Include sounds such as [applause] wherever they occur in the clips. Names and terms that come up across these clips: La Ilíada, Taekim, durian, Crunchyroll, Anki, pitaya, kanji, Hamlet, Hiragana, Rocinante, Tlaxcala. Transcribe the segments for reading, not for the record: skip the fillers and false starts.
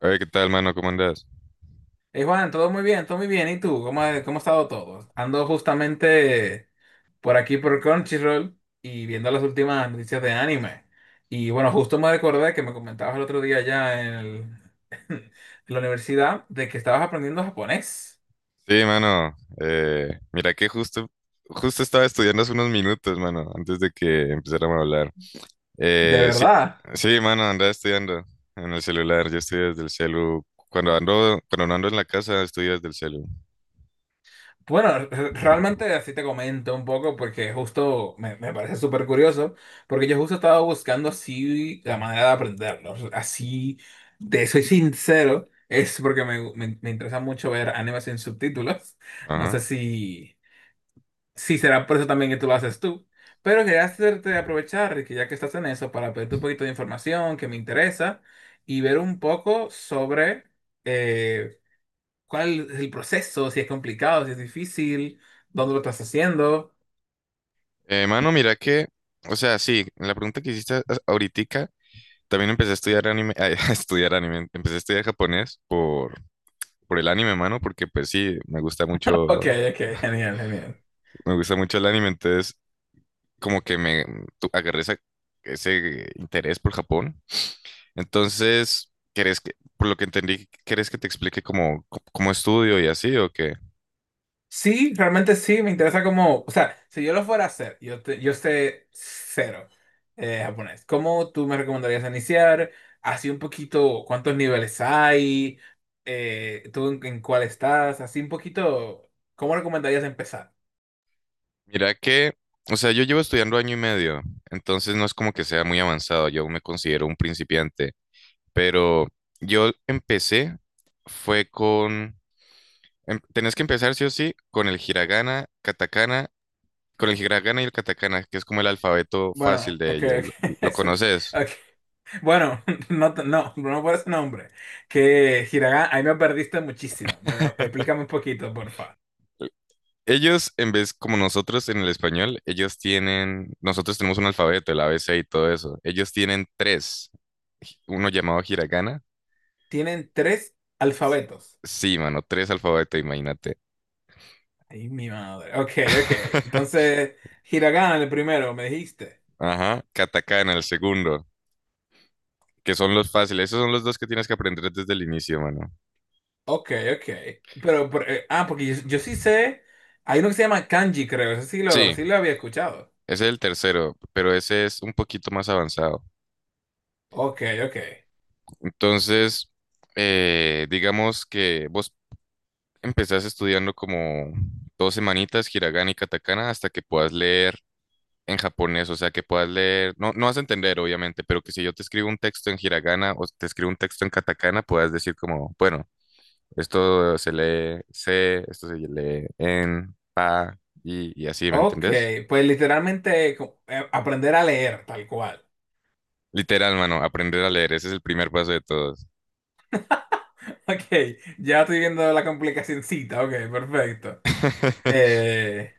Oye, ¿qué tal, mano? ¿Cómo andas? Hey Juan, todo muy bien, todo muy bien. ¿Y tú? ¿Cómo ha estado todo? Ando justamente por aquí por Crunchyroll y viendo las últimas noticias de anime. Y bueno, justo me recordé que me comentabas el otro día [laughs] en la universidad de que estabas aprendiendo japonés. Sí, mano. Mira que justo, justo estaba estudiando hace unos minutos, mano, antes de que empezáramos a hablar. ¿De Eh, sí, verdad? sí, mano, andaba estudiando en el celular. Yo estudio desde el celu. Cuando no ando en la casa, estudio desde el celu. Bueno, [laughs] realmente así te comento un poco porque justo me parece súper curioso, porque yo justo estaba buscando así la manera de aprenderlo. Así, te soy sincero, es porque me interesa mucho ver animes sin subtítulos. [laughs] No Ajá. sé si, si será por eso también que tú lo haces tú, pero quería hacerte aprovechar que ya que estás en eso para pedirte un poquito de información que me interesa y ver un poco sobre... eh, ¿Cuál es el proceso? Si es complicado, si es difícil, dónde lo estás haciendo. Mano, mira que, o sea, sí, en la pregunta que hiciste ahorita, también empecé a estudiar anime, [laughs] a estudiar anime, empecé a estudiar japonés por el anime, mano, porque pues sí, Ok, ok, [laughs] genial, genial. me gusta mucho el anime, entonces como que agarré ese interés por Japón. Entonces, ¿querés que, por lo que entendí, querés que te explique cómo, cómo estudio y así o qué? Sí, realmente sí, me interesa como, o sea, si yo lo fuera a hacer, yo sé cero japonés. ¿Cómo tú me recomendarías iniciar? Así un poquito, ¿cuántos niveles hay? ¿Tú en cuál estás? Así un poquito, ¿cómo recomendarías empezar? Mira que, o sea, yo llevo estudiando año y medio, entonces no es como que sea muy avanzado, yo me considero un principiante, pero yo empecé, fue con, tenés que empezar sí o sí con el hiragana, katakana, con el hiragana y el katakana, que es como el alfabeto Bueno, fácil de ok, ellos, ok. [laughs] Lo conoces? ok. Bueno, [laughs] no, no por ese nombre. Que Hiragana, ahí me perdiste muchísimo. Explícame un poquito, porfa. Ellos, en vez como nosotros en el español, ellos tienen, nosotros tenemos un alfabeto, el ABC y todo eso. Ellos tienen tres, uno llamado hiragana. Tienen tres alfabetos. Sí, mano, tres alfabetos, imagínate. Ay, mi madre. Ok, ok. [laughs] Entonces, Hiragana, el primero, me dijiste. Ajá, katakana, el segundo, que son los fáciles. Esos son los dos que tienes que aprender desde el inicio, mano. Ok, ok. Pero, porque yo sí sé. Hay uno que se llama kanji, creo. Eso Sí, sí lo había escuchado. ese es el tercero, pero ese es un poquito más avanzado. Ok, ok. Entonces, digamos que vos empezás estudiando como 2 semanitas hiragana y katakana hasta que puedas leer en japonés, o sea, que puedas leer, no, no vas a entender, obviamente, pero que si yo te escribo un texto en hiragana o te escribo un texto en katakana, puedas decir como, bueno, esto se lee se, esto se lee en pa y así, ¿me Ok, entendés? pues literalmente aprender a leer, tal cual. Literal, mano, aprender a leer, ese es el primer paso de todos. Ok, ya estoy viendo la complicacioncita, ok, perfecto. [laughs] Eh,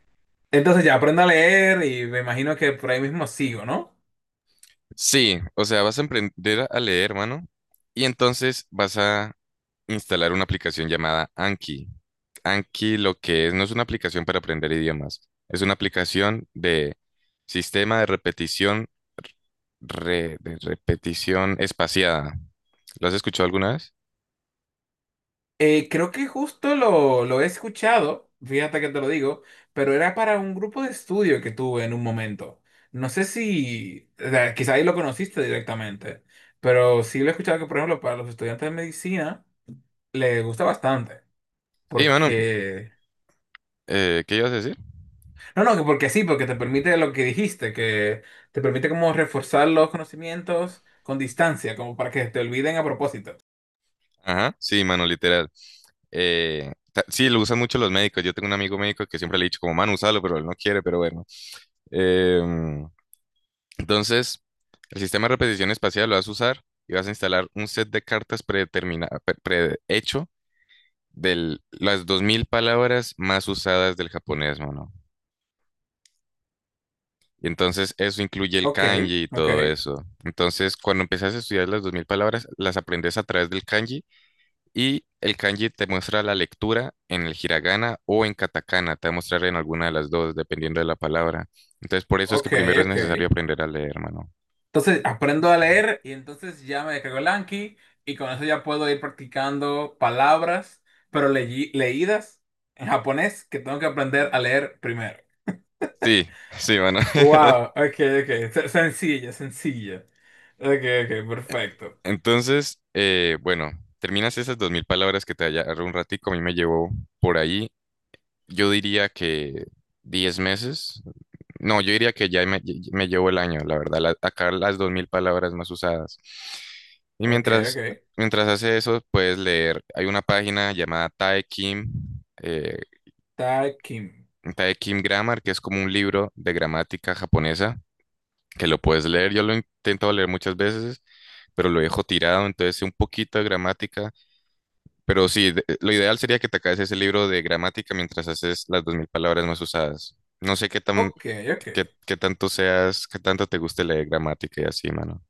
entonces ya aprendo a leer y me imagino que por ahí mismo sigo, ¿no? Sí, o sea, vas a aprender a leer, mano, y entonces vas a instalar una aplicación llamada Anki. Anki lo que es, no es una aplicación para aprender idiomas, es una aplicación de sistema de repetición, de repetición espaciada. ¿Lo has escuchado alguna vez? Creo que lo he escuchado, fíjate que te lo digo, pero era para un grupo de estudio que tuve en un momento. No sé si, o sea, quizá ahí lo conociste directamente, pero sí lo he escuchado que, por ejemplo, para los estudiantes de medicina les gusta bastante, Sí, mano, porque ¿qué ibas a decir? No, no, que porque sí, porque te permite lo que dijiste, que te permite como reforzar los conocimientos con distancia, como para que te olviden a propósito. Ajá, sí, mano, literal. Sí, lo usan mucho los médicos. Yo tengo un amigo médico que siempre le he dicho como, mano, úsalo, pero él no quiere, pero bueno. Em, Entonces, el sistema de repetición espacial lo vas a usar y vas a instalar un set de cartas prehecho de las 2000 palabras más usadas del japonés, mano. Y entonces eso incluye el Ok, kanji y ok, todo eso. Entonces, cuando empiezas a estudiar las 2000 palabras, las aprendes a través del kanji y el kanji te muestra la lectura en el hiragana o en katakana, te va a mostrar en alguna de las dos, dependiendo de la palabra. Entonces, por eso es que ok, primero es ok. necesario aprender a leer, mano. Entonces aprendo a leer y entonces ya me descargo el Anki y con eso ya puedo ir practicando palabras, pero leídas en japonés que tengo que aprender a leer primero. Sí, sí, mano. [laughs] Wow, ok, ok. Sencilla, sencilla. Ok, ok, perfecto. Entonces, bueno, terminas esas 2000 palabras que te agarró un ratico, a mí me llevó por ahí, yo diría que 10 meses, no, yo diría que ya me llevó el año, la verdad, sacar las 2000 palabras más usadas. Y Ok, mientras, ok. mientras hace eso, puedes leer, hay una página llamada Taekim, eh, Takim. Taekim Grammar, que es como un libro de gramática japonesa, que lo puedes leer, yo lo he intentado leer muchas veces, pero lo dejo tirado, entonces sé un poquito de gramática. Pero sí, lo ideal sería que te acabes ese libro de gramática mientras haces las 2000 palabras más usadas. No sé qué tan, Ok, ok. qué tanto seas, qué tanto te guste leer gramática y así, mano.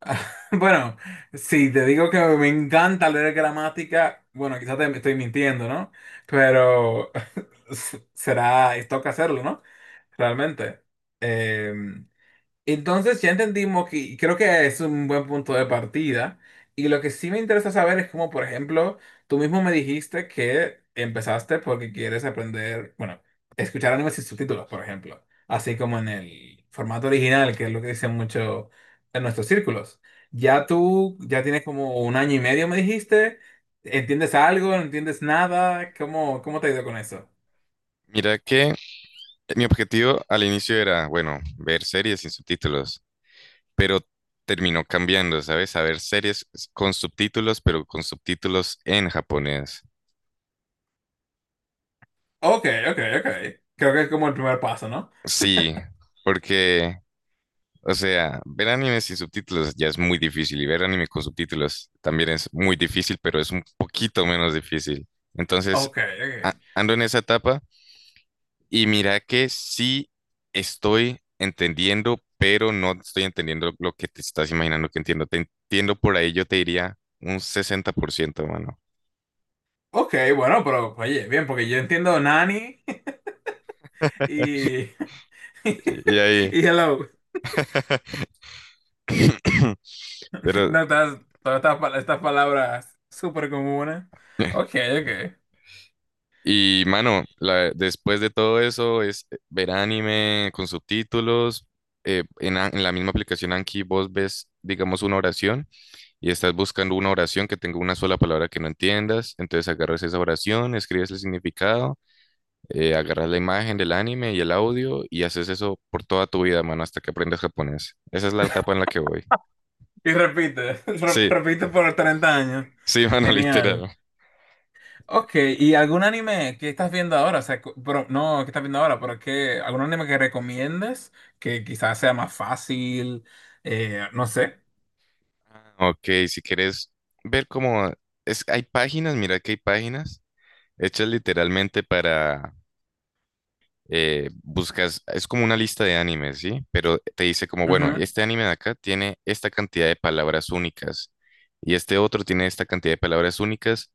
[laughs] Bueno, si te digo que me encanta leer gramática, bueno, quizás te estoy mintiendo, ¿no? Pero [laughs] toca hacerlo, ¿no? Realmente. em, entonces ya entendimos que y creo que es un buen punto de partida. Y lo que sí me interesa saber es cómo, por ejemplo, tú mismo me dijiste que empezaste porque quieres aprender, bueno, escuchar animes sin subtítulos, por ejemplo. Así como en el formato original, que es lo que dicen mucho en nuestros círculos. Ya tienes como 1 año y medio, me dijiste. ¿Entiendes algo? ¿No entiendes nada? ¿Cómo te ha ido con eso? Mira que mi objetivo al inicio era, bueno, ver series sin subtítulos, pero terminó cambiando, ¿sabes? A ver series con subtítulos, pero con subtítulos en japonés. Ok, ok, ok. Creo que es como el primer paso, ¿no? Sí, porque o sea, ver anime sin subtítulos ya es muy difícil y ver anime con subtítulos también es muy difícil, pero es un poquito menos difícil. Entonces, Ok, ok. ando en esa etapa y mira que sí estoy entendiendo, pero no estoy entendiendo lo que te estás imaginando que entiendo. Te entiendo por ahí, yo te diría un 60%, mano. Ok, bueno, pero oye, bien, porque yo entiendo Nani [laughs] y, [laughs] Y ahí, y Hello. [coughs] [clears throat] pero No, estás, todas estas, estas palabras súper comunes. Ok, ok. y mano, después de todo eso es ver anime con subtítulos. En la misma aplicación Anki vos ves, digamos, una oración y estás buscando una oración que tenga una sola palabra que no entiendas. Entonces agarras esa oración, escribes el significado, agarras la imagen del anime y el audio y haces eso por toda tu vida, mano, hasta que aprendas japonés. Esa es la etapa en la que voy. Y repite, [laughs] Sí, repite por 30 años. sí, [laughs] mano, Genial. literal. Ok, ¿y algún anime que estás viendo ahora? O sea, cu- pero, no, qué estás viendo ahora? Pero que, ¿algún anime que recomiendes? Que quizás sea más fácil, no sé. Ah, ok, si quieres ver cómo es, hay páginas, mira que hay páginas hechas literalmente para, buscas, es como una lista de animes, ¿sí? Pero te dice como, bueno, Ujú. este anime de acá tiene esta cantidad de palabras únicas y este otro tiene esta cantidad de palabras únicas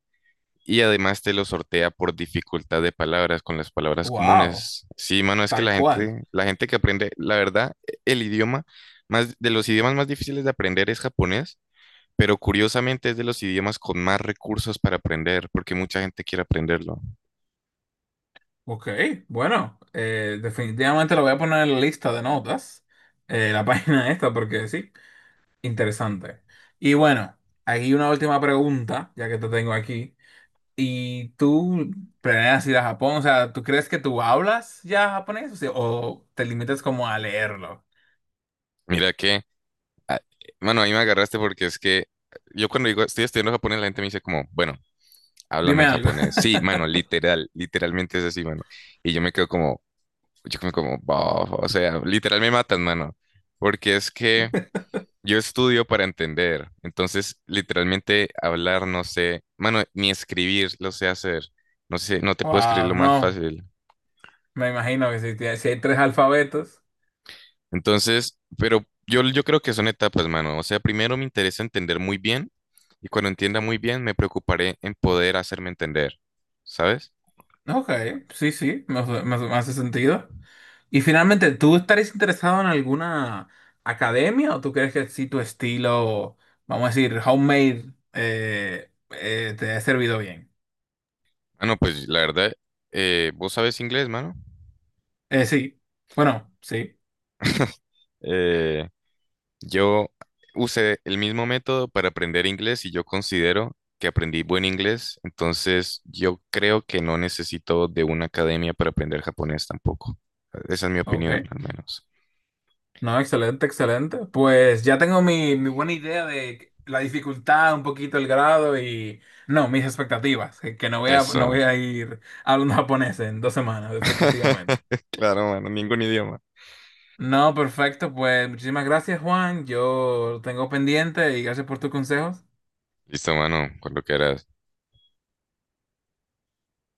y además te lo sortea por dificultad de palabras con las palabras Wow, comunes. Sí, mano, es que tal cual. La gente que aprende, la verdad, el idioma, más, de los idiomas más difíciles de aprender es japonés. Pero curiosamente es de los idiomas con más recursos para aprender, porque mucha gente quiere aprenderlo. Ok, bueno, definitivamente lo voy a poner en la lista de notas, la [laughs] página esta, porque sí, interesante. Y bueno, aquí una última pregunta, ya que te tengo aquí. ¿Y tú planeas ir a Japón? O sea, ¿tú crees que tú hablas ya japonés o te limitas como a leerlo? Mira que ah, bueno, ahí me agarraste porque es que yo cuando digo estoy estudiando japonés, la gente me dice como, bueno, háblame Dime en algo. japonés. Sí, mano, [laughs] literal, literalmente es así, mano. Y yo me quedo como, yo me como, "Bof", o sea, literal me matan, mano. Porque es que yo estudio para entender. Entonces, literalmente hablar, no sé, mano, ni escribir lo sé hacer. No sé, no te puedo escribir Wow, lo más no, fácil. me imagino que si, si hay tres alfabetos. Entonces, pero yo creo que son etapas, mano. O sea, primero me interesa entender muy bien y cuando entienda muy bien me preocuparé en poder hacerme entender, ¿sabes? Ok, sí, sí, me me hace sentido. Y finalmente, ¿tú estarías interesado en alguna academia o tú crees que si tu estilo, vamos a decir, homemade, te ha servido bien? Mano, pues la verdad, vos sabes inglés, mano. Sí, bueno, sí, Eh, yo usé el mismo método para aprender inglés y yo considero que aprendí buen inglés, entonces yo creo que no necesito de una academia para aprender japonés tampoco. Esa es mi opinión, ok. al menos. No, excelente, excelente. Pues ya tengo mi buena idea de la dificultad, un poquito el grado y, no, mis expectativas, que no voy Eso. a ir hablando [laughs] japonés en 2 semanas, definitivamente. [laughs] Claro, mano, ningún idioma. No, perfecto, pues muchísimas gracias, Juan. Yo lo tengo pendiente y gracias por tus consejos. Listo, mano, con lo que era